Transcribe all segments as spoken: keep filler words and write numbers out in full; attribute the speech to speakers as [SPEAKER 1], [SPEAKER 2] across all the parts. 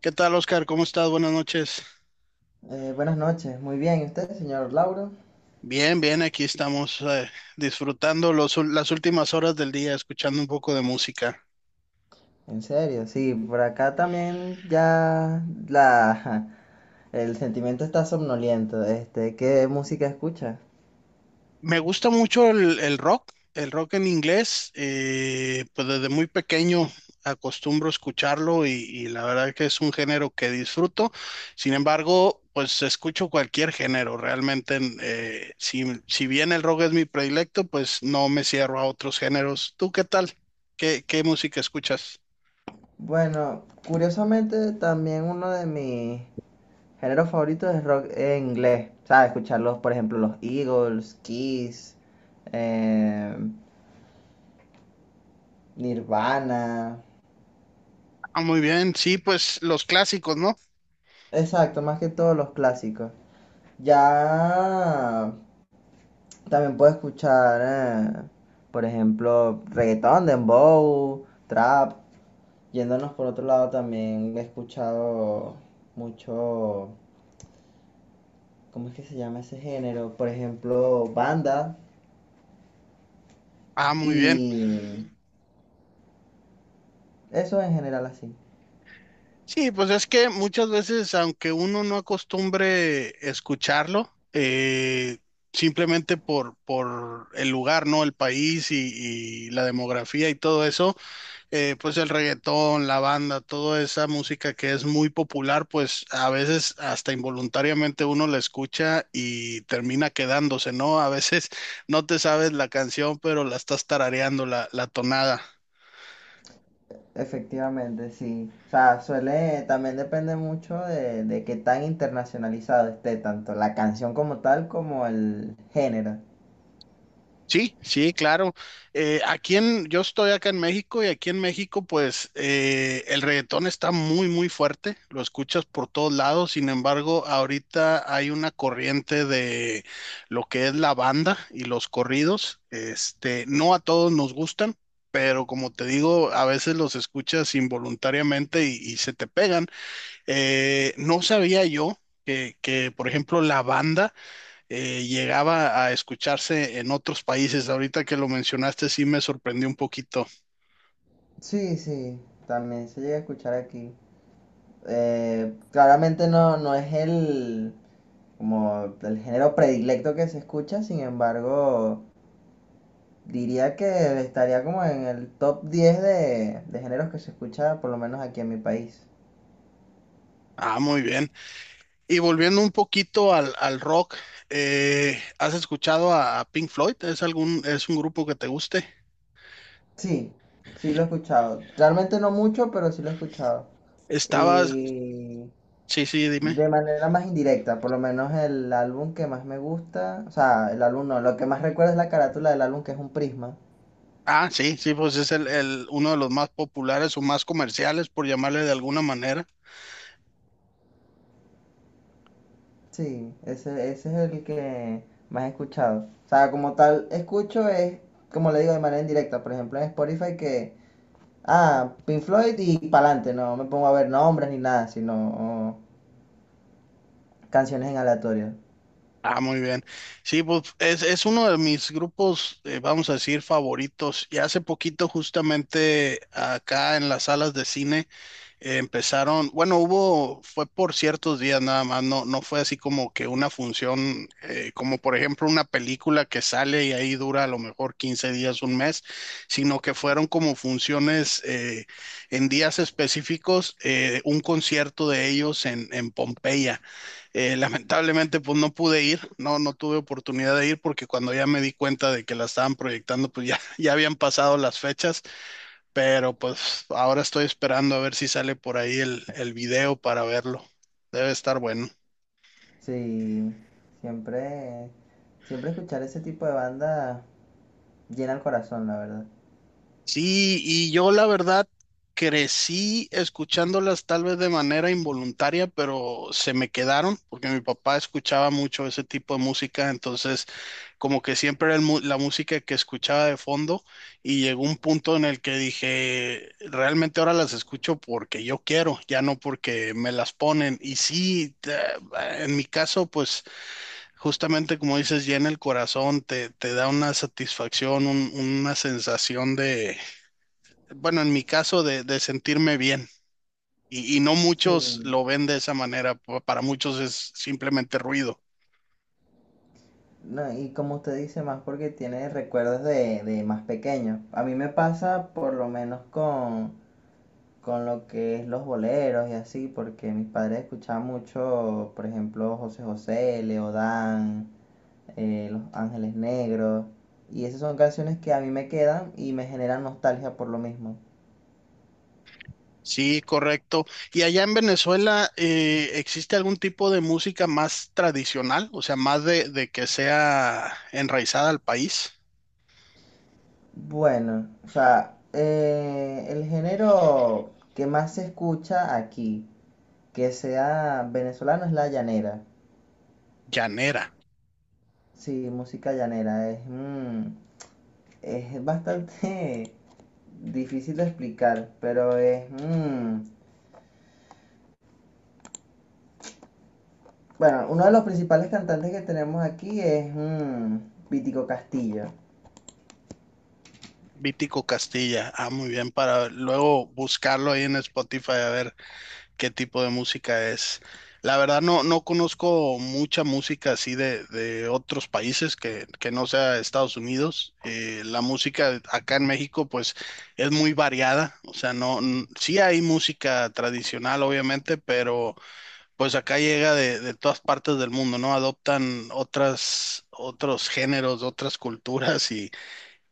[SPEAKER 1] ¿Qué tal, Oscar? ¿Cómo estás? Buenas noches.
[SPEAKER 2] Eh, buenas noches, muy bien. ¿Y usted, señor Lauro?
[SPEAKER 1] Bien, bien, aquí estamos eh, disfrutando los ul- las últimas horas del día, escuchando un poco de música.
[SPEAKER 2] En serio, sí, por acá también ya la, el sentimiento está somnoliento. Este, ¿qué música escucha?
[SPEAKER 1] Me gusta mucho el, el rock, el rock en inglés, eh, pues desde muy pequeño acostumbro escucharlo y, y la verdad que es un género que disfruto. Sin embargo, pues escucho cualquier género, realmente eh, si, si bien el rock es mi predilecto, pues no me cierro a otros géneros. ¿Tú qué tal? ¿Qué, ¿qué música escuchas?
[SPEAKER 2] Bueno, curiosamente también uno de mis géneros favoritos es rock en inglés. ¿Sabes? Escucharlos, por ejemplo, los Eagles, Kiss, eh, Nirvana.
[SPEAKER 1] Ah, muy bien, sí, pues los clásicos, ¿no?
[SPEAKER 2] Exacto, más que todos los clásicos. Ya también puedo escuchar, eh, por ejemplo, reggaetón, dembow, trap. Yéndonos por otro lado, también he escuchado mucho, ¿cómo es que se llama ese género? Por ejemplo, banda
[SPEAKER 1] Ah, muy bien.
[SPEAKER 2] y eso en general así.
[SPEAKER 1] Sí, pues es que muchas veces, aunque uno no acostumbre escucharlo, eh, simplemente por, por el lugar, ¿no? El país y, y la demografía y todo eso, eh, pues el reggaetón, la banda, toda esa música que es muy popular, pues a veces hasta involuntariamente uno la escucha y termina quedándose, ¿no? A veces no te sabes la canción, pero la estás tarareando, la, la tonada.
[SPEAKER 2] Efectivamente, sí. O sea, suele, también depende mucho de, de qué tan internacionalizado esté, tanto la canción como tal como el género.
[SPEAKER 1] Sí, sí, claro. Eh, aquí en, yo estoy acá en México y aquí en México, pues eh, el reggaetón está muy, muy fuerte. Lo escuchas por todos lados. Sin embargo, ahorita hay una corriente de lo que es la banda y los corridos. Este, no a todos nos gustan, pero como te digo, a veces los escuchas involuntariamente y, y se te pegan. Eh, no sabía yo que, que, por ejemplo, la banda eh, llegaba a escucharse en otros países. Ahorita que lo mencionaste, sí me sorprendió un poquito.
[SPEAKER 2] Sí, sí, también se llega a escuchar aquí. Eh, claramente no, no es el, como el género predilecto que se escucha. Sin embargo, diría que estaría como en el top diez de, de géneros que se escucha, por lo menos aquí en mi país.
[SPEAKER 1] Ah, muy bien. Y volviendo un poquito al, al rock, eh, ¿has escuchado a, a Pink Floyd? ¿Es algún, ¿es un grupo que te guste?
[SPEAKER 2] Sí, sí lo he escuchado. Realmente no mucho, pero sí lo he escuchado.
[SPEAKER 1] Estabas,
[SPEAKER 2] Y
[SPEAKER 1] sí, sí, dime.
[SPEAKER 2] de manera más indirecta, por lo menos el álbum que más me gusta, o sea, el álbum no, lo que más recuerdo es la carátula del álbum, que es un prisma.
[SPEAKER 1] Ah, sí, sí, pues es el, el, uno de los más populares o más comerciales, por llamarle de alguna manera.
[SPEAKER 2] Sí, ese, ese es el que más he escuchado. O sea, como tal, escucho es, como le digo, de manera indirecta. Por ejemplo, en Spotify que, ah, Pink Floyd y pa'lante. No me pongo a ver nombres ni nada, sino canciones en aleatorio.
[SPEAKER 1] Ah, muy bien. Sí, pues es, es uno de mis grupos, eh, vamos a decir, favoritos. Y hace poquito, justamente acá en las salas de cine, eh, empezaron, bueno, hubo, fue por ciertos días nada más, no, no fue así como que una función, eh, como por ejemplo una película que sale y ahí dura a lo mejor quince días, un mes, sino que fueron como funciones eh, en días específicos, eh, un concierto de ellos en, en Pompeya. Eh, lamentablemente, pues no pude ir, no, no tuve oportunidad de ir porque cuando ya me di cuenta de que la estaban proyectando, pues ya, ya habían pasado las fechas. Pero pues ahora estoy esperando a ver si sale por ahí el, el video para verlo. Debe estar bueno.
[SPEAKER 2] Sí, siempre, siempre escuchar ese tipo de banda llena el corazón, la verdad.
[SPEAKER 1] Sí, y yo la verdad crecí escuchándolas tal vez de manera involuntaria, pero se me quedaron porque mi papá escuchaba mucho ese tipo de música, entonces como que siempre era el mu- la música que escuchaba de fondo y llegó un punto en el que dije, realmente ahora las escucho porque yo quiero, ya no porque me las ponen. Y sí, te- en mi caso, pues... Justamente como dices, llena el corazón, te, te da una satisfacción, un- una sensación de, bueno, en mi caso, de, de sentirme bien. Y, y no
[SPEAKER 2] Sí.
[SPEAKER 1] muchos lo ven de esa manera, pa- para muchos es simplemente ruido.
[SPEAKER 2] No, y como usted dice, más porque tiene recuerdos de, de más pequeño. A mí me pasa por lo menos con con lo que es los boleros y así, porque mis padres escuchaban mucho, por ejemplo, José José, Leodán, eh, Los Ángeles Negros, y esas son canciones que a mí me quedan y me generan nostalgia por lo mismo.
[SPEAKER 1] Sí, correcto. ¿Y allá en Venezuela eh, existe algún tipo de música más tradicional? O sea, más de, de que sea enraizada al país.
[SPEAKER 2] Bueno, o sea, eh, el género que más se escucha aquí, que sea venezolano, es la llanera.
[SPEAKER 1] Llanera.
[SPEAKER 2] Sí, música llanera, es, mm, es bastante difícil de explicar, pero es... mm, Bueno, uno de los principales cantantes que tenemos aquí es mm, Vítico Castillo.
[SPEAKER 1] Vítico Castilla. Ah, muy bien, para luego buscarlo ahí en Spotify a ver qué tipo de música es. La verdad no, no conozco mucha música así de, de otros países que, que no sea Estados Unidos. Eh, la música acá en México pues es muy variada, o sea, no, n- sí hay música tradicional obviamente, pero pues acá llega de, de todas partes del mundo, ¿no? Adoptan otras, otros géneros, otras culturas y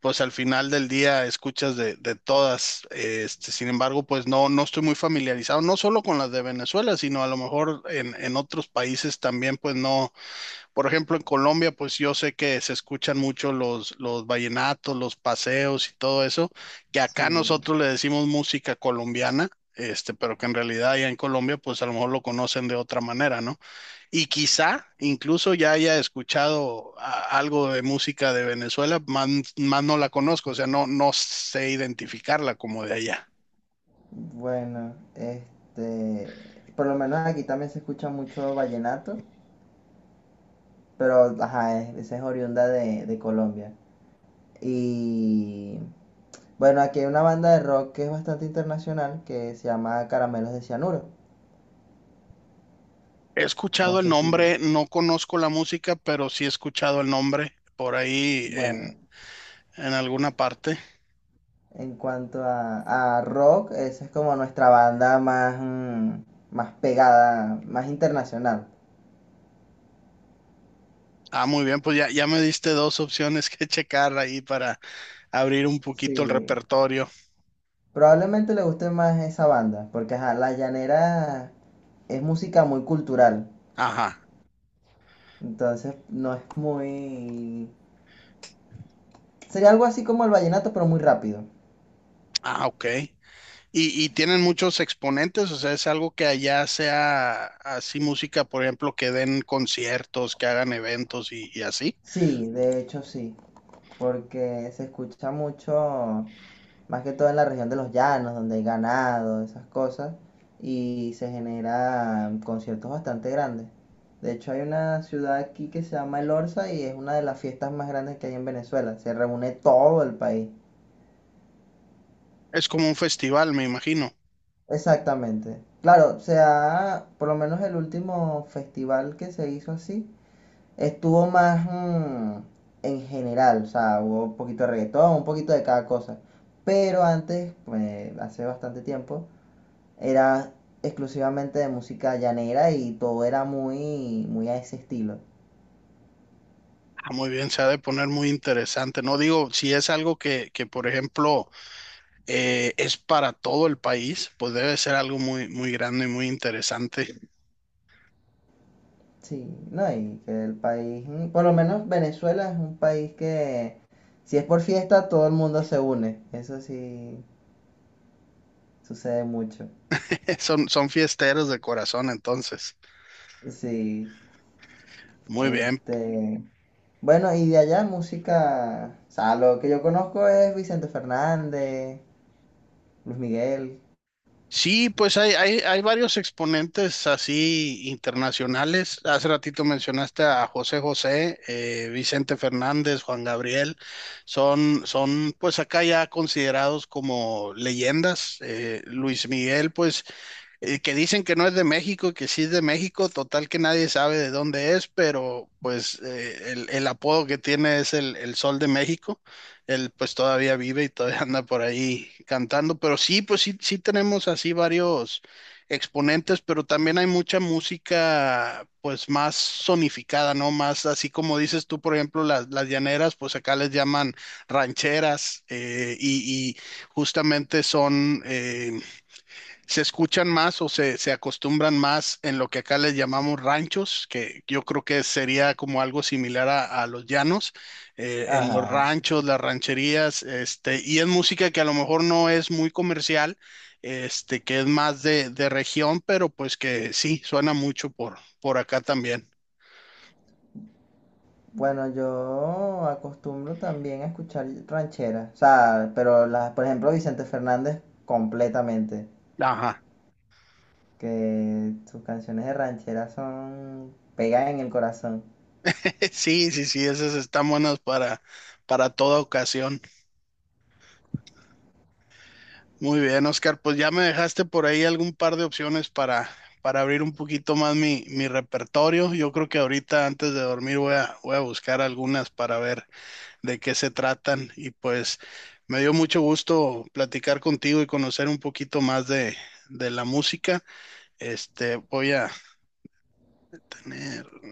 [SPEAKER 1] pues al final del día escuchas de, de todas. Este, sin embargo, pues no, no estoy muy familiarizado, no solo con las de Venezuela, sino a lo mejor en, en otros países también, pues no. Por ejemplo, en Colombia, pues yo sé que se escuchan mucho los, los vallenatos, los paseos y todo eso, que
[SPEAKER 2] Sí.
[SPEAKER 1] acá nosotros le decimos música colombiana. Este, pero que en realidad allá en Colombia, pues a lo mejor lo conocen de otra manera, ¿no? Y quizá incluso ya haya escuchado a- algo de música de Venezuela, más, más no la conozco, o sea, no, no sé identificarla como de allá.
[SPEAKER 2] Bueno, este, por lo menos aquí también se escucha mucho vallenato, pero ajá, es- esa es oriunda de, de Colombia. Y bueno, aquí hay una banda de rock que es bastante internacional, que se llama Caramelos de Cianuro.
[SPEAKER 1] He
[SPEAKER 2] No
[SPEAKER 1] escuchado el
[SPEAKER 2] sé si,
[SPEAKER 1] nombre, no conozco la música, pero sí he escuchado el nombre por ahí en,
[SPEAKER 2] bueno,
[SPEAKER 1] en alguna parte.
[SPEAKER 2] en cuanto a, a rock, esa es como nuestra banda más, mm, más pegada, más internacional.
[SPEAKER 1] Ah, muy bien, pues ya, ya me diste dos opciones que checar ahí para abrir un
[SPEAKER 2] Sí,
[SPEAKER 1] poquito el repertorio.
[SPEAKER 2] probablemente le guste más esa banda, porque ajá, La Llanera es música muy cultural,
[SPEAKER 1] Ajá.
[SPEAKER 2] entonces no es muy... Sería algo así como el vallenato, pero muy rápido.
[SPEAKER 1] Ah, ok. Y, y tienen muchos exponentes, o sea, es algo que allá sea así música, por ejemplo, que den conciertos, que hagan eventos y, y así.
[SPEAKER 2] Sí, de hecho sí, porque se escucha mucho, más que todo en la región de los llanos, donde hay ganado, esas cosas, y se generan conciertos bastante grandes. De hecho, hay una ciudad aquí que se llama El Orza y es una de las fiestas más grandes que hay en Venezuela. Se reúne todo el país.
[SPEAKER 1] Es como un festival, me imagino.
[SPEAKER 2] Exactamente. Claro, o sea, por lo menos el último festival que se hizo así estuvo más mm, en general. O sea, hubo un poquito de reggaetón, un poquito de cada cosa. Pero antes, pues, hace bastante tiempo, era exclusivamente de música llanera y todo era muy, muy a ese estilo.
[SPEAKER 1] Ah, muy bien, se ha de poner muy interesante. No digo, si es algo que, que, por ejemplo, eh, es para todo el país, pues debe ser algo muy, muy grande y muy interesante.
[SPEAKER 2] Sí, no, y que el país, mm, por lo menos Venezuela es un país que, si es por fiesta, todo el mundo se une. Eso sí sucede mucho.
[SPEAKER 1] Son, son fiesteros de corazón, entonces.
[SPEAKER 2] Sí,
[SPEAKER 1] Muy bien.
[SPEAKER 2] este, bueno, y de allá música, o sea, lo que yo conozco es Vicente Fernández, Luis Miguel,
[SPEAKER 1] Sí, pues hay, hay, hay varios exponentes así internacionales. Hace ratito mencionaste a José José, eh, Vicente Fernández, Juan Gabriel. Son, son pues acá ya considerados como leyendas. Eh, Luis Miguel, pues eh, que dicen que no es de México, que sí es de México, total que nadie sabe de dónde es, pero pues eh, el, el apodo que tiene es el, el Sol de México. Él pues todavía vive y todavía anda por ahí cantando, pero sí, pues sí, sí tenemos así varios exponentes, pero también hay mucha música pues más sonificada, ¿no? Más así como dices tú, por ejemplo, las, las llaneras, pues acá les llaman rancheras eh, y, y justamente son... eh, se escuchan más o se, se acostumbran más en lo que acá les llamamos ranchos, que yo creo que sería como algo similar a, a los llanos, eh, en los
[SPEAKER 2] ajá.
[SPEAKER 1] ranchos, las rancherías, este, y es música que a lo mejor no es muy comercial, este, que es más de, de región, pero pues que sí, suena mucho por, por acá también.
[SPEAKER 2] Bueno, yo acostumbro también a escuchar rancheras, o sea, pero las, por ejemplo, Vicente Fernández completamente,
[SPEAKER 1] Ajá.
[SPEAKER 2] que sus canciones de ranchera son, pegan en el corazón.
[SPEAKER 1] Sí, sí, sí, esas están buenas para, para toda ocasión. Muy bien, Oscar, pues ya me dejaste por ahí algún par de opciones para, para abrir un poquito más mi, mi repertorio. Yo creo que ahorita antes de dormir voy a, voy a buscar algunas para ver de qué se tratan y pues me dio mucho gusto platicar contigo y conocer un poquito más de, de la música. Este, voy a tener...